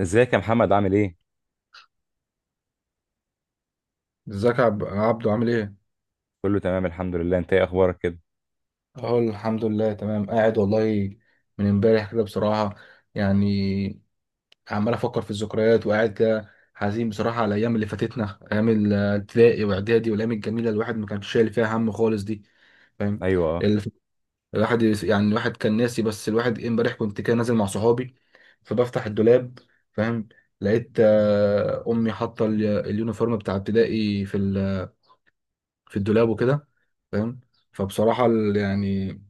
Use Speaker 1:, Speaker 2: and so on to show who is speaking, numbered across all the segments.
Speaker 1: ازيك يا محمد عامل ايه؟
Speaker 2: ازيك يا عبدو عامل ايه؟
Speaker 1: كله تمام الحمد لله، انت ايه اخبارك كده؟
Speaker 2: اهو الحمد لله تمام، قاعد والله من امبارح كده بصراحة، يعني عمال افكر في الذكريات وقاعد كده حزين بصراحة على الايام اللي فاتتنا، ايام الابتدائي واعدادي والايام الجميلة اللي الواحد ما كانش شايل فيها هم خالص دي. فاهم؟
Speaker 1: ايوه اه.
Speaker 2: اللي ف- يعني الواحد كان ناسي، بس الواحد امبارح كنت كده نازل مع صحابي، فبفتح الدولاب. فاهم؟ لقيت، امي حاطة اليونيفورم بتاع ابتدائي في في الدولاب وكده. فاهم؟ فبصراحة، يعني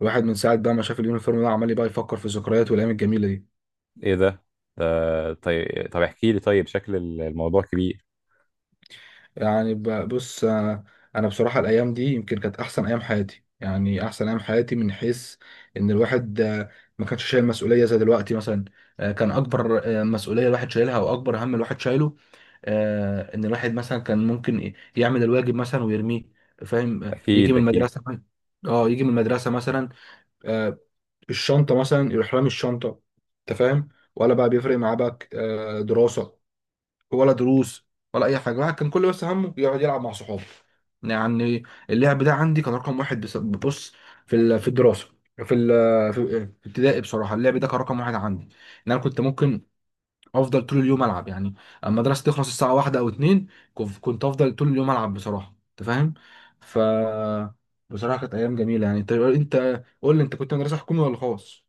Speaker 2: الواحد من ساعة بقى ما شاف اليونيفورم ده عمال بقى يفكر في الذكريات والأيام الجميلة دي.
Speaker 1: ايه ده؟ ده طيب، طب احكي لي، طيب شكل الموضوع كبير.
Speaker 2: يعني بص، أنا بصراحة الأيام دي يمكن كانت أحسن أيام حياتي. يعني أحسن أيام حياتي من حيث إن الواحد ما كانش شايل مسؤولية زي دلوقتي مثلا. كان أكبر مسؤولية الواحد شايلها أو أكبر هم الواحد شايله، إن الواحد مثلا كان ممكن يعمل الواجب مثلا ويرميه. فاهم؟ يجي
Speaker 1: اكيد
Speaker 2: من
Speaker 1: اكيد.
Speaker 2: المدرسة. اه يجي من المدرسة مثلا، آه، الشنطة مثلا يروح رامي الشنطة. أنت فاهم؟ ولا بقى بيفرق معاه بقى دراسة ولا دروس ولا اي حاجه. الواحد كان كل بس همه يقعد يلعب مع صحابه، يعني اللعب ده عندي كان رقم واحد. بص، في في الدراسه، في ال في ابتدائي بصراحه اللعب ده كان رقم واحد عندي. ان انا كنت ممكن افضل طول اليوم العب يعني، اما المدرسه تخلص الساعه 1 او 2. كنت افضل طول اليوم العب بصراحه. انت فاهم؟ ف بصراحه كانت ايام جميله يعني. انت قول لي، انت كنت مدرسه حكومي ولا خاص؟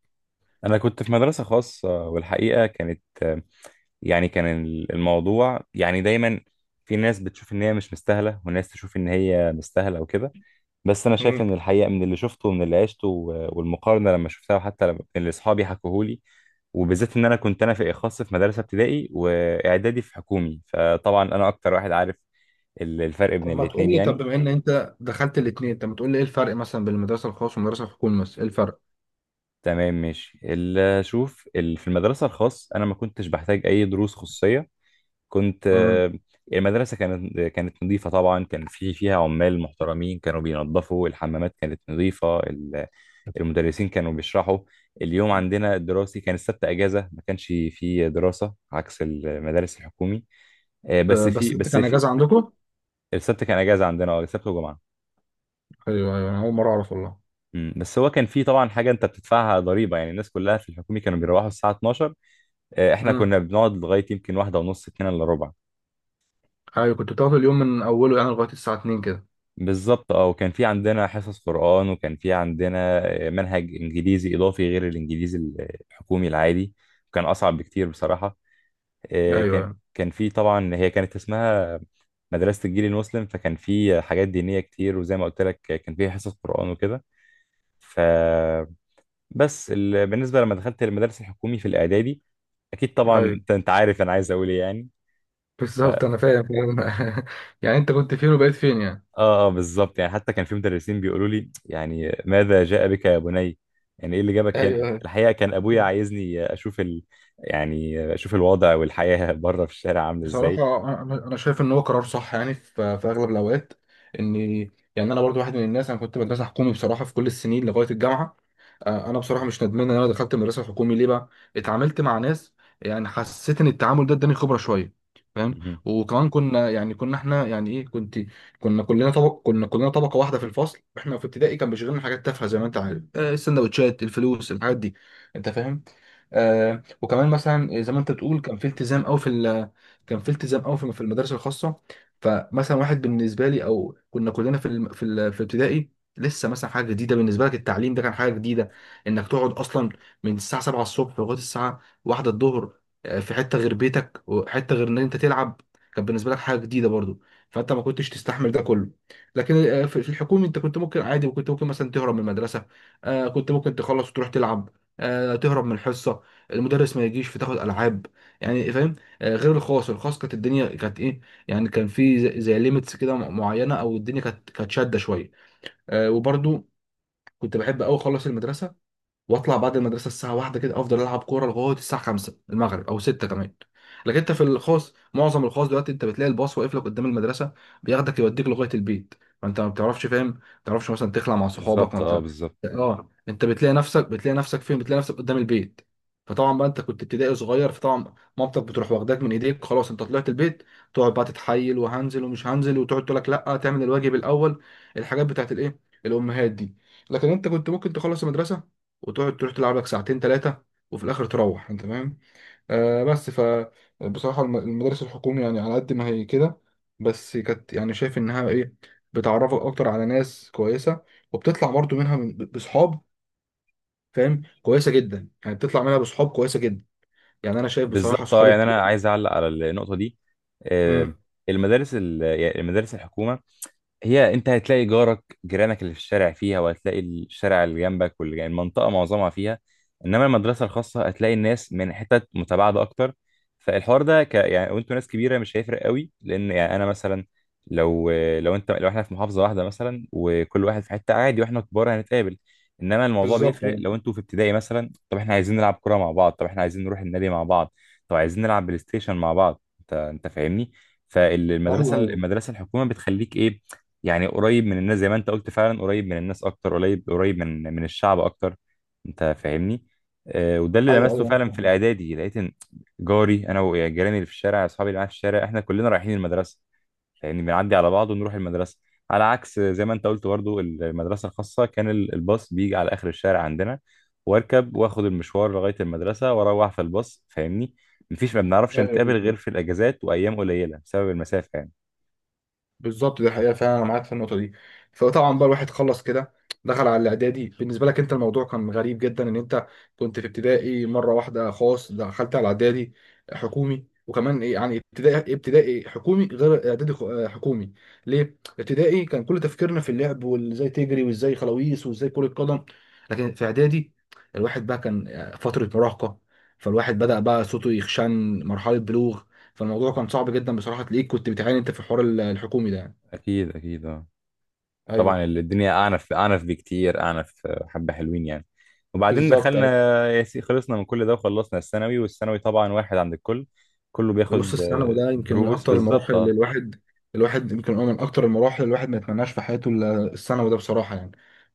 Speaker 1: انا كنت في مدرسة خاصة، والحقيقة كانت يعني كان الموضوع يعني دايما في ناس بتشوف ان هي مش مستاهلة وناس تشوف ان هي مستاهلة وكده. بس انا شايف ان الحقيقه من اللي شفته ومن اللي عشته والمقارنه لما شفتها، وحتى لما اللي اصحابي حكوهولي، وبالذات ان انا كنت انا في اخص في مدرسه ابتدائي واعدادي في حكومي، فطبعا انا اكتر واحد عارف الفرق بين
Speaker 2: طب ما تقول
Speaker 1: الاتنين
Speaker 2: لي، طب
Speaker 1: يعني.
Speaker 2: بما ان انت دخلت الاثنين طب ما تقول لي ايه الفرق مثلا بين المدرسه الخاص والمدرسه الحكومي، مثلا ايه الفرق؟
Speaker 1: تمام ماشي. شوف، في المدرسه الخاص انا ما كنتش بحتاج اي دروس خصوصيه. كنت
Speaker 2: امم.
Speaker 1: المدرسه كانت نظيفه، طبعا كان في فيها عمال محترمين كانوا بينظفوا الحمامات، كانت نظيفه. المدرسين كانوا بيشرحوا. اليوم عندنا الدراسي كان السبت اجازه، ما كانش فيه دراسه عكس المدارس الحكومي. آه، بس في
Speaker 2: بس انت
Speaker 1: بس
Speaker 2: كان
Speaker 1: في
Speaker 2: اجازه عندكم؟
Speaker 1: السبت كان اجازه عندنا، اه السبت وجمعه.
Speaker 2: ايوه ايوه، انا اول مره اعرف والله.
Speaker 1: مم. بس هو كان فيه طبعا حاجه انت بتدفعها ضريبه، يعني الناس كلها في الحكومي كانوا بيروحوا الساعه 12، احنا
Speaker 2: امم.
Speaker 1: كنا بنقعد لغايه يمكن واحده ونص، اتنين الا ربع.
Speaker 2: ايوه كنت بتاخد اليوم من اوله يعني لغايه الساعه 2 كده.
Speaker 1: بالظبط اه. وكان في عندنا حصص قرآن، وكان في عندنا منهج انجليزي اضافي غير الانجليزي الحكومي العادي. كان اصعب بكتير بصراحه. كان
Speaker 2: ايوه
Speaker 1: كان في طبعا، هي كانت اسمها مدرسة الجيل المسلم، فكان في حاجات دينية كتير، وزي ما قلت لك كان في حصص قرآن وكده. فبس. بالنسبة لما دخلت المدرسة الحكومي في الإعدادي أكيد طبعا.
Speaker 2: ايوه
Speaker 1: أنت عارف أنا عايز أقول إيه يعني. ف... آه
Speaker 2: بالظبط، انا فاهم فاهم. يعني انت كنت فين وبقيت فين يعني.
Speaker 1: آه بالظبط. يعني حتى كان في مدرسين بيقولوا لي يعني ماذا جاء بك يا بني، يعني إيه اللي جابك هنا.
Speaker 2: ايوه ايوه،
Speaker 1: الحقيقة كان أبويا عايزني أشوف يعني أشوف الوضع والحياة بره في الشارع عامل إزاي.
Speaker 2: بصراحة أنا شايف إن هو قرار صح يعني في في أغلب الأوقات. إن يعني أنا برضو واحد من الناس، أنا كنت مدرسة حكومي بصراحة في كل السنين لغاية الجامعة. انا بصراحه مش ندمان ان انا دخلت المدرسه الحكومي. ليه بقى؟ اتعاملت مع ناس، يعني حسيت ان التعامل ده اداني خبره شويه. فاهم؟
Speaker 1: مهم.
Speaker 2: وكمان كنا يعني كنا احنا يعني ايه كنت، كنا كلنا طبقه واحده في الفصل. احنا في ابتدائي كان بيشغلنا حاجات تافهه زي ما انت عارف، السندوتشات، الفلوس، الحاجات دي. انت فاهم؟ آه وكمان مثلا زي ما انت بتقول، كان في التزام قوي في كان في التزام قوي في في المدارس الخاصه. فمثلا واحد بالنسبه لي او كنا كلنا في في في ابتدائي لسه مثلا حاجه جديده. بالنسبه لك التعليم ده كان حاجه جديده، انك تقعد اصلا من الساعه 7 الصبح لغايه الساعه 1 الظهر، في حته غير بيتك وحته غير ان انت تلعب. كان بالنسبه لك حاجه جديده برضو، فانت ما كنتش تستحمل ده كله. لكن في في الحكومي انت كنت ممكن عادي، وكنت ممكن مثلا تهرب من المدرسه. كنت ممكن تخلص وتروح تلعب. تهرب من الحصه، المدرس ما يجيش فتاخد العاب، يعني فاهم. غير الخاص. الخاص كانت الدنيا كانت ايه يعني، كان في زي, زي ليميتس كده معينه، او الدنيا كانت شاده شويه. وبرضو كنت بحب قوي اخلص المدرسه، واطلع بعد المدرسه الساعه 1 كده افضل العب كوره لغايه الساعه 5 المغرب او 6 كمان. لكن انت في الخاص، معظم الخاص دلوقتي انت بتلاقي الباص واقف لك قدام المدرسه، بياخدك يوديك لغايه البيت. فانت ما بتعرفش، فاهم، ما بتعرفش مثلا تخلع مع صحابك ما
Speaker 1: بالظبط اه.
Speaker 2: بتاع.
Speaker 1: بالظبط.
Speaker 2: اه انت بتلاقي نفسك، بتلاقي نفسك فين؟ بتلاقي نفسك قدام البيت. فطبعا بقى انت كنت ابتدائي صغير، فطبعا مامتك بتروح واخداك من ايديك، خلاص انت طلعت البيت. تقعد بقى تتحايل وهنزل ومش هنزل، وتقعد تقول لك لا تعمل الواجب الاول. الحاجات بتاعت الايه، الامهات دي. لكن انت كنت ممكن تخلص المدرسه وتقعد تروح تلعب لك ساعتين ثلاثة، وفي الآخر تروح. أنت فاهم؟ بس فبصراحة المدارس الحكومي يعني على قد ما هي كده، بس كانت يعني شايف إنها إيه، بتعرفك أكتر على ناس كويسة، وبتطلع برضو منها من بصحاب، فاهم، كويسة جدا. يعني بتطلع منها بصحاب كويسة جدا، يعني أنا شايف بصراحة
Speaker 1: بالظبط اه.
Speaker 2: صحابي.
Speaker 1: يعني انا عايز اعلق على النقطه دي.
Speaker 2: مم.
Speaker 1: آه، المدارس يعني المدارس الحكومه، هي انت هتلاقي جارك، جيرانك اللي في الشارع فيها، وهتلاقي الشارع اللي جنبك واللي جنب المنطقه معظمها فيها. انما المدرسه الخاصه هتلاقي الناس من حتت متباعده اكتر. فالحوار ده يعني وانتوا ناس كبيره مش هيفرق قوي، لان يعني انا مثلا لو انت، لو احنا في محافظه واحده مثلا وكل واحد في حته عادي واحنا كبار هنتقابل. انما الموضوع
Speaker 2: بالظبط
Speaker 1: بيفرق لو انتوا في ابتدائي مثلا، طب احنا عايزين نلعب كوره مع بعض، طب احنا عايزين نروح النادي مع بعض، طب عايزين نلعب بلاي ستيشن مع بعض. انت فاهمني. فالمدرسه
Speaker 2: أيوه أيوه
Speaker 1: المدرسه الحكومه بتخليك ايه، يعني قريب من الناس، زي ما انت قلت فعلا قريب من الناس اكتر، قريب قريب من الشعب اكتر. انت فاهمني. وده اللي
Speaker 2: أيوه أيوه
Speaker 1: لمسته
Speaker 2: أيوه، أنا
Speaker 1: فعلا في
Speaker 2: فاهم.
Speaker 1: الاعدادي. لقيت ان جاري انا وجيراني اللي في الشارع، اصحابي اللي معايا في الشارع، احنا كلنا رايحين المدرسه. فاهمني، بنعدي على بعض ونروح المدرسه. على عكس زي ما انت قلت برضو، المدرسه الخاصه كان الباص بيجي على اخر الشارع عندنا، واركب واخد المشوار لغايه المدرسه واروح في الباص. فاهمني، مفيش، ما بنعرفش
Speaker 2: أيوه
Speaker 1: نتقابل غير في الاجازات وايام قليله بسبب المسافه يعني.
Speaker 2: بالظبط، دي حقيقة فعلا، أنا معاك في النقطة دي. فطبعا بقى الواحد خلص كده، دخل على الإعدادي. بالنسبة لك أنت الموضوع كان غريب جدا إن أنت كنت في ابتدائي مرة واحدة خاص، دخلت على إعدادي حكومي. وكمان إيه يعني، ابتدائي حكومي غير إعدادي حكومي. ليه؟ ابتدائي كان كل تفكيرنا في اللعب، وإزاي تجري وإزاي خلاويص وإزاي كرة قدم. لكن في إعدادي الواحد بقى كان فترة مراهقة، فالواحد بدأ بقى صوته يخشن، مرحلة بلوغ. فالموضوع كان صعب جدا بصراحه، تلاقيك كنت بتعاني انت في الحوار الحكومي ده يعني.
Speaker 1: اكيد اكيد اه. طبعا
Speaker 2: ايوه
Speaker 1: الدنيا أعنف أعنف بكتير، أعنف حبة حلوين يعني. وبعدين
Speaker 2: بالظبط
Speaker 1: دخلنا
Speaker 2: ايوه.
Speaker 1: خلصنا من كل ده، وخلصنا الثانوي. والثانوي طبعا واحد عند الكل، كله
Speaker 2: بص
Speaker 1: بياخد
Speaker 2: الثانوي ده يمكن من
Speaker 1: دروس،
Speaker 2: اكتر
Speaker 1: بالظبط
Speaker 2: المراحل اللي
Speaker 1: اه.
Speaker 2: الواحد، الواحد يمكن هو من اكتر المراحل اللي الواحد ما يتمناش في حياته الا الثانوي ده بصراحه، يعني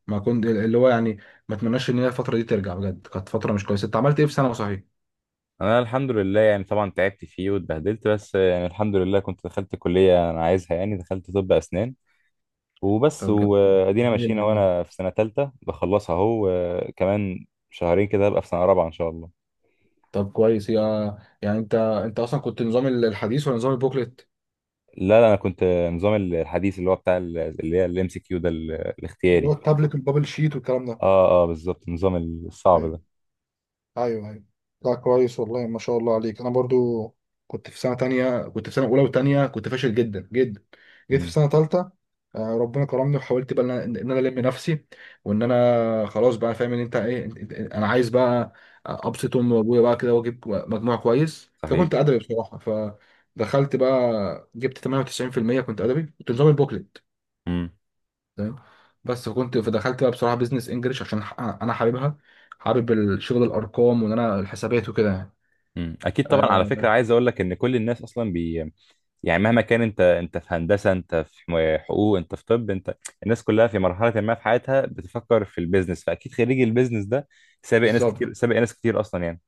Speaker 2: ما كنت اللي هو يعني ما اتمناش ان هي الفتره دي ترجع. بجد كانت فتره مش كويسه. انت عملت ايه في ثانوي صحيح؟
Speaker 1: أنا الحمد لله يعني طبعا تعبت فيه واتبهدلت، بس يعني الحمد لله كنت دخلت كلية أنا عايزها، يعني دخلت طب أسنان. وبس،
Speaker 2: طب
Speaker 1: وأدينا
Speaker 2: جميل
Speaker 1: ماشيين أهو،
Speaker 2: والله.
Speaker 1: أنا في سنة تالتة بخلصها أهو، كمان شهرين كده هبقى في سنة رابعة إن شاء الله.
Speaker 2: طب كويس، يا يعني انت اصلا كنت نظام الحديث ولا نظام البوكلت؟
Speaker 1: لا لا، أنا كنت نظام الحديث، اللي هو بتاع اللي هي الام سي كيو ده
Speaker 2: اللي هو
Speaker 1: الاختياري.
Speaker 2: التابلت والبابل شيت والكلام ده.
Speaker 1: اه اه بالظبط، النظام الصعب
Speaker 2: ايوه
Speaker 1: ده.
Speaker 2: ايوه ايوه. لا كويس والله ما شاء الله عليك. انا برضو كنت في سنه تانية، كنت في سنه اولى وتانية كنت فاشل جدا جدا. جيت في
Speaker 1: امم.
Speaker 2: سنه تالتة. ربنا كرمني وحاولت بقى ان انا إن أنا الم نفسي، وان انا خلاص بقى فاهم ان انت ايه، انا عايز بقى ابسط امي وابويا بقى كده واجيب مجموع كويس.
Speaker 1: صحيح.
Speaker 2: فكنت ادبي بصراحه، فدخلت بقى جبت 98%. كنت ادبي كنت نظام البوكلت.
Speaker 1: امم.
Speaker 2: تمام. بس فكنت فدخلت بقى بصراحه بيزنس انجلش عشان انا حاببها. حابب الشغل، الارقام، وان انا الحسابات وكده يعني.
Speaker 1: امم. اكيد طبعا. على فكره
Speaker 2: آه
Speaker 1: عايز اقول لك ان كل الناس اصلا بي، يعني مهما كان انت، انت في هندسه، انت في حقوق، انت في طب، انت الناس كلها في مرحله ما في حياتها بتفكر في البيزنس، فاكيد خريج البيزنس ده سابق ناس
Speaker 2: بالظبط.
Speaker 1: كتير، سابق ناس كتير اصلا يعني.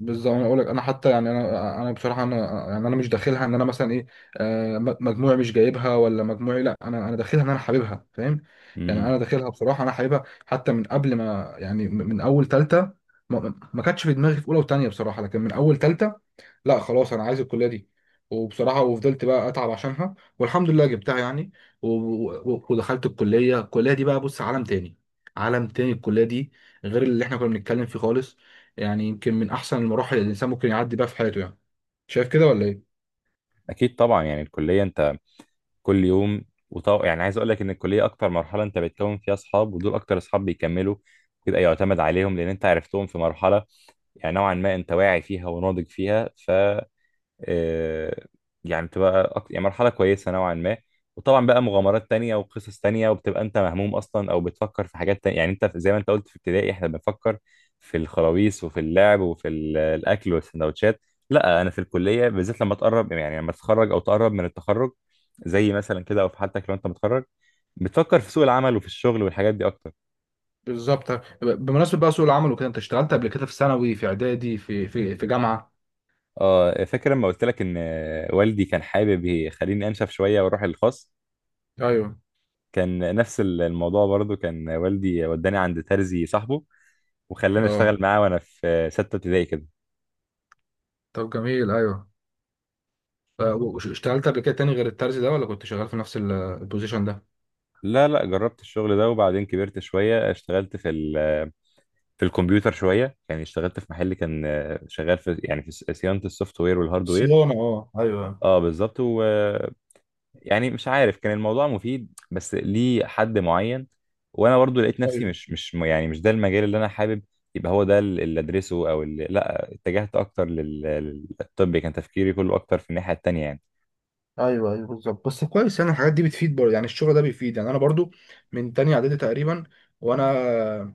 Speaker 2: بالظبط انا اقول لك، انا حتى يعني انا بصراحه انا، يعني انا مش داخلها ان انا مثلا ايه، مجموعي مش جايبها ولا مجموعي، لا انا داخلها ان انا حاببها. فاهم؟ يعني
Speaker 1: امم.
Speaker 2: انا داخلها بصراحه انا حاببها حتى من قبل ما يعني، من من اول ثالثه. ما كانتش في دماغي في اولى وثانيه بصراحه، لكن من اول ثالثه لا خلاص انا عايز الكليه دي. وبصراحه وفضلت بقى اتعب عشانها والحمد لله جبتها يعني. و- ودخلت الكليه. الكليه دي بقى بص عالم تاني، عالم تاني الكليه دي، غير اللي احنا كنا بنتكلم فيه خالص. يعني يمكن من احسن المراحل اللي الانسان ممكن يعدي بيها في حياته يعني. شايف كده ولا ايه؟
Speaker 1: اكيد طبعا. يعني الكليه انت كل يوم، يعني عايز اقول لك ان الكليه اكتر مرحله انت بتكون فيها اصحاب، ودول اكتر اصحاب بيكملوا، بيبقى يعتمد عليهم، لان انت عرفتهم في مرحله يعني نوعا ما انت واعي فيها وناضج فيها. ف آه، يعني يعني مرحلة كويسة نوعا ما. وطبعا بقى مغامرات تانية وقصص تانية، وبتبقى انت مهموم اصلا او بتفكر في حاجات تانية. يعني انت زي ما انت قلت في ابتدائي احنا بنفكر في الخراويص وفي اللعب وفي الاكل والسندوتشات. لا انا في الكلية بالذات لما تقرب، يعني لما تتخرج او تقرب من التخرج زي مثلا كده، او في حالتك لو انت متخرج بتفكر في سوق العمل وفي الشغل والحاجات دي اكتر.
Speaker 2: بالظبط. بمناسبه بقى سوق العمل وكده، انت اشتغلت قبل كده في ثانوي، في اعدادي، في في جامعه؟
Speaker 1: اه فاكر لما قلت لك ان والدي كان حابب يخليني انشف شويه واروح الخاص.
Speaker 2: ايوه
Speaker 1: كان نفس الموضوع برضو، كان والدي وداني عند ترزي صاحبه، وخلاني
Speaker 2: اه.
Speaker 1: اشتغل معاه وانا في سته ابتدائي كده.
Speaker 2: طب جميل ايوه. اشتغلت قبل كده تاني غير الترزي ده ولا كنت شغال في نفس البوزيشن ده؟
Speaker 1: لا لا، جربت الشغل ده، وبعدين كبرت شويه اشتغلت في في الكمبيوتر شويه، يعني اشتغلت في محل كان شغال في يعني في صيانه السوفت وير والهارد وير.
Speaker 2: صيانة اه ايوه.
Speaker 1: اه بالظبط يعني مش عارف كان الموضوع مفيد بس ليه حد معين. وانا برضو لقيت نفسي
Speaker 2: ايوه
Speaker 1: مش يعني مش ده المجال اللي انا حابب يبقى هو ده اللي ادرسه، او اللي، لا اتجهت اكتر للطب. كان تفكيري كله اكتر في الناحية التانية يعني.
Speaker 2: ايوه ايوه بالظبط. بس كويس يعني، الحاجات دي بتفيد برضه يعني، الشغل ده بيفيد. يعني انا برضه من تاني اعدادي تقريبا، وانا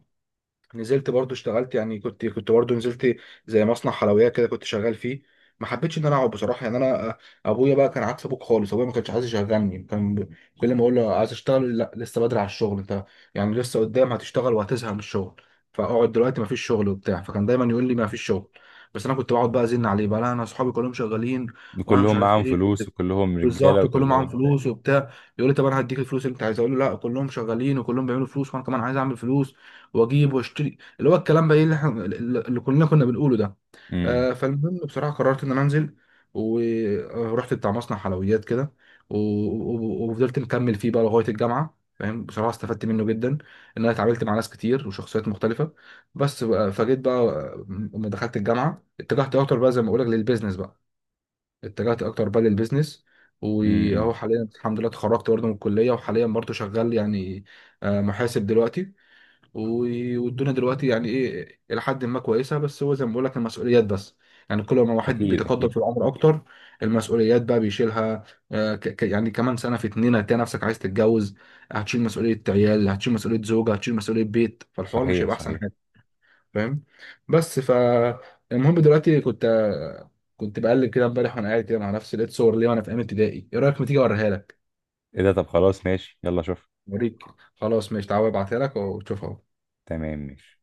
Speaker 2: نزلت برضه اشتغلت يعني، كنت برضه نزلت زي مصنع حلويات كده كنت شغال فيه. ما حبيتش ان انا اقعد بصراحه، يعني انا، ابويا بقى كان عكس ابوك خالص، ابويا ما كانش عايز يشغلني. كان كل ما اقول له عايز اشتغل، لا لسه بدري على الشغل انت، يعني لسه قدام هتشتغل وهتزهق من الشغل، فاقعد دلوقتي ما فيش شغل وبتاع. فكان دايما يقول لي ما فيش شغل. بس انا كنت بقعد بقى ازن عليه بقى، لا انا اصحابي كلهم شغالين، وانا مش
Speaker 1: كلهم
Speaker 2: عارف
Speaker 1: معاهم
Speaker 2: ايه.
Speaker 1: فلوس وكلهم رجالة
Speaker 2: بالظبط كلهم معاهم
Speaker 1: وكلهم بتاع.
Speaker 2: فلوس وبتاع. يقول لي طب انا هديك الفلوس اللي انت عايز. اقول له لا، كلهم شغالين وكلهم بيعملوا فلوس وانا كمان عايز اعمل فلوس، واجيب واشتري، اللي هو الكلام بقى ايه اللي احنا اللي كلنا كنا بنقوله ده.
Speaker 1: امم.
Speaker 2: آه فالمهم بصراحه قررت ان انا انزل، ورحت بتاع مصنع حلويات كده، وفضلت مكمل فيه بقى لغايه الجامعه. فاهم؟ بصراحه استفدت منه جدا، ان انا اتعاملت مع ناس كتير وشخصيات مختلفه. بس بقى فجيت بقى لما دخلت الجامعه اتجهت اكتر بقى زي ما بقول لك للبيزنس بقى، اتجهت اكتر بقى للبيزنس. واهو
Speaker 1: امم.
Speaker 2: حاليا الحمد لله اتخرجت برضه من الكليه، وحاليا برضه شغال يعني، محاسب دلوقتي. والدنيا دلوقتي يعني ايه، الى حد ما كويسه، بس هو زي ما بقول لك المسؤوليات بس. يعني كل ما الواحد
Speaker 1: اكيد
Speaker 2: بيتقدم
Speaker 1: اكيد.
Speaker 2: في العمر اكتر، المسؤوليات بقى بيشيلها. يعني كمان سنه في اتنين هتلاقي نفسك عايز تتجوز، هتشيل مسؤوليه عيال، هتشيل مسؤوليه زوجه، هتشيل مسؤوليه بيت. فالحوار مش
Speaker 1: صحيح
Speaker 2: هيبقى احسن.
Speaker 1: صحيح.
Speaker 2: فاهم؟ بس المهم دلوقتي، كنت بقلب كده امبارح وانا قاعد كده مع نفسي، لقيت صور ليا وانا في ايام ابتدائي. ايه رايك ما تيجي اوريها لك؟
Speaker 1: ايه ده؟ طب خلاص ماشي، يلا شوف.
Speaker 2: اوريك، خلاص ماشي تعالى، ابعتها لك وتشوفها.
Speaker 1: تمام ماشي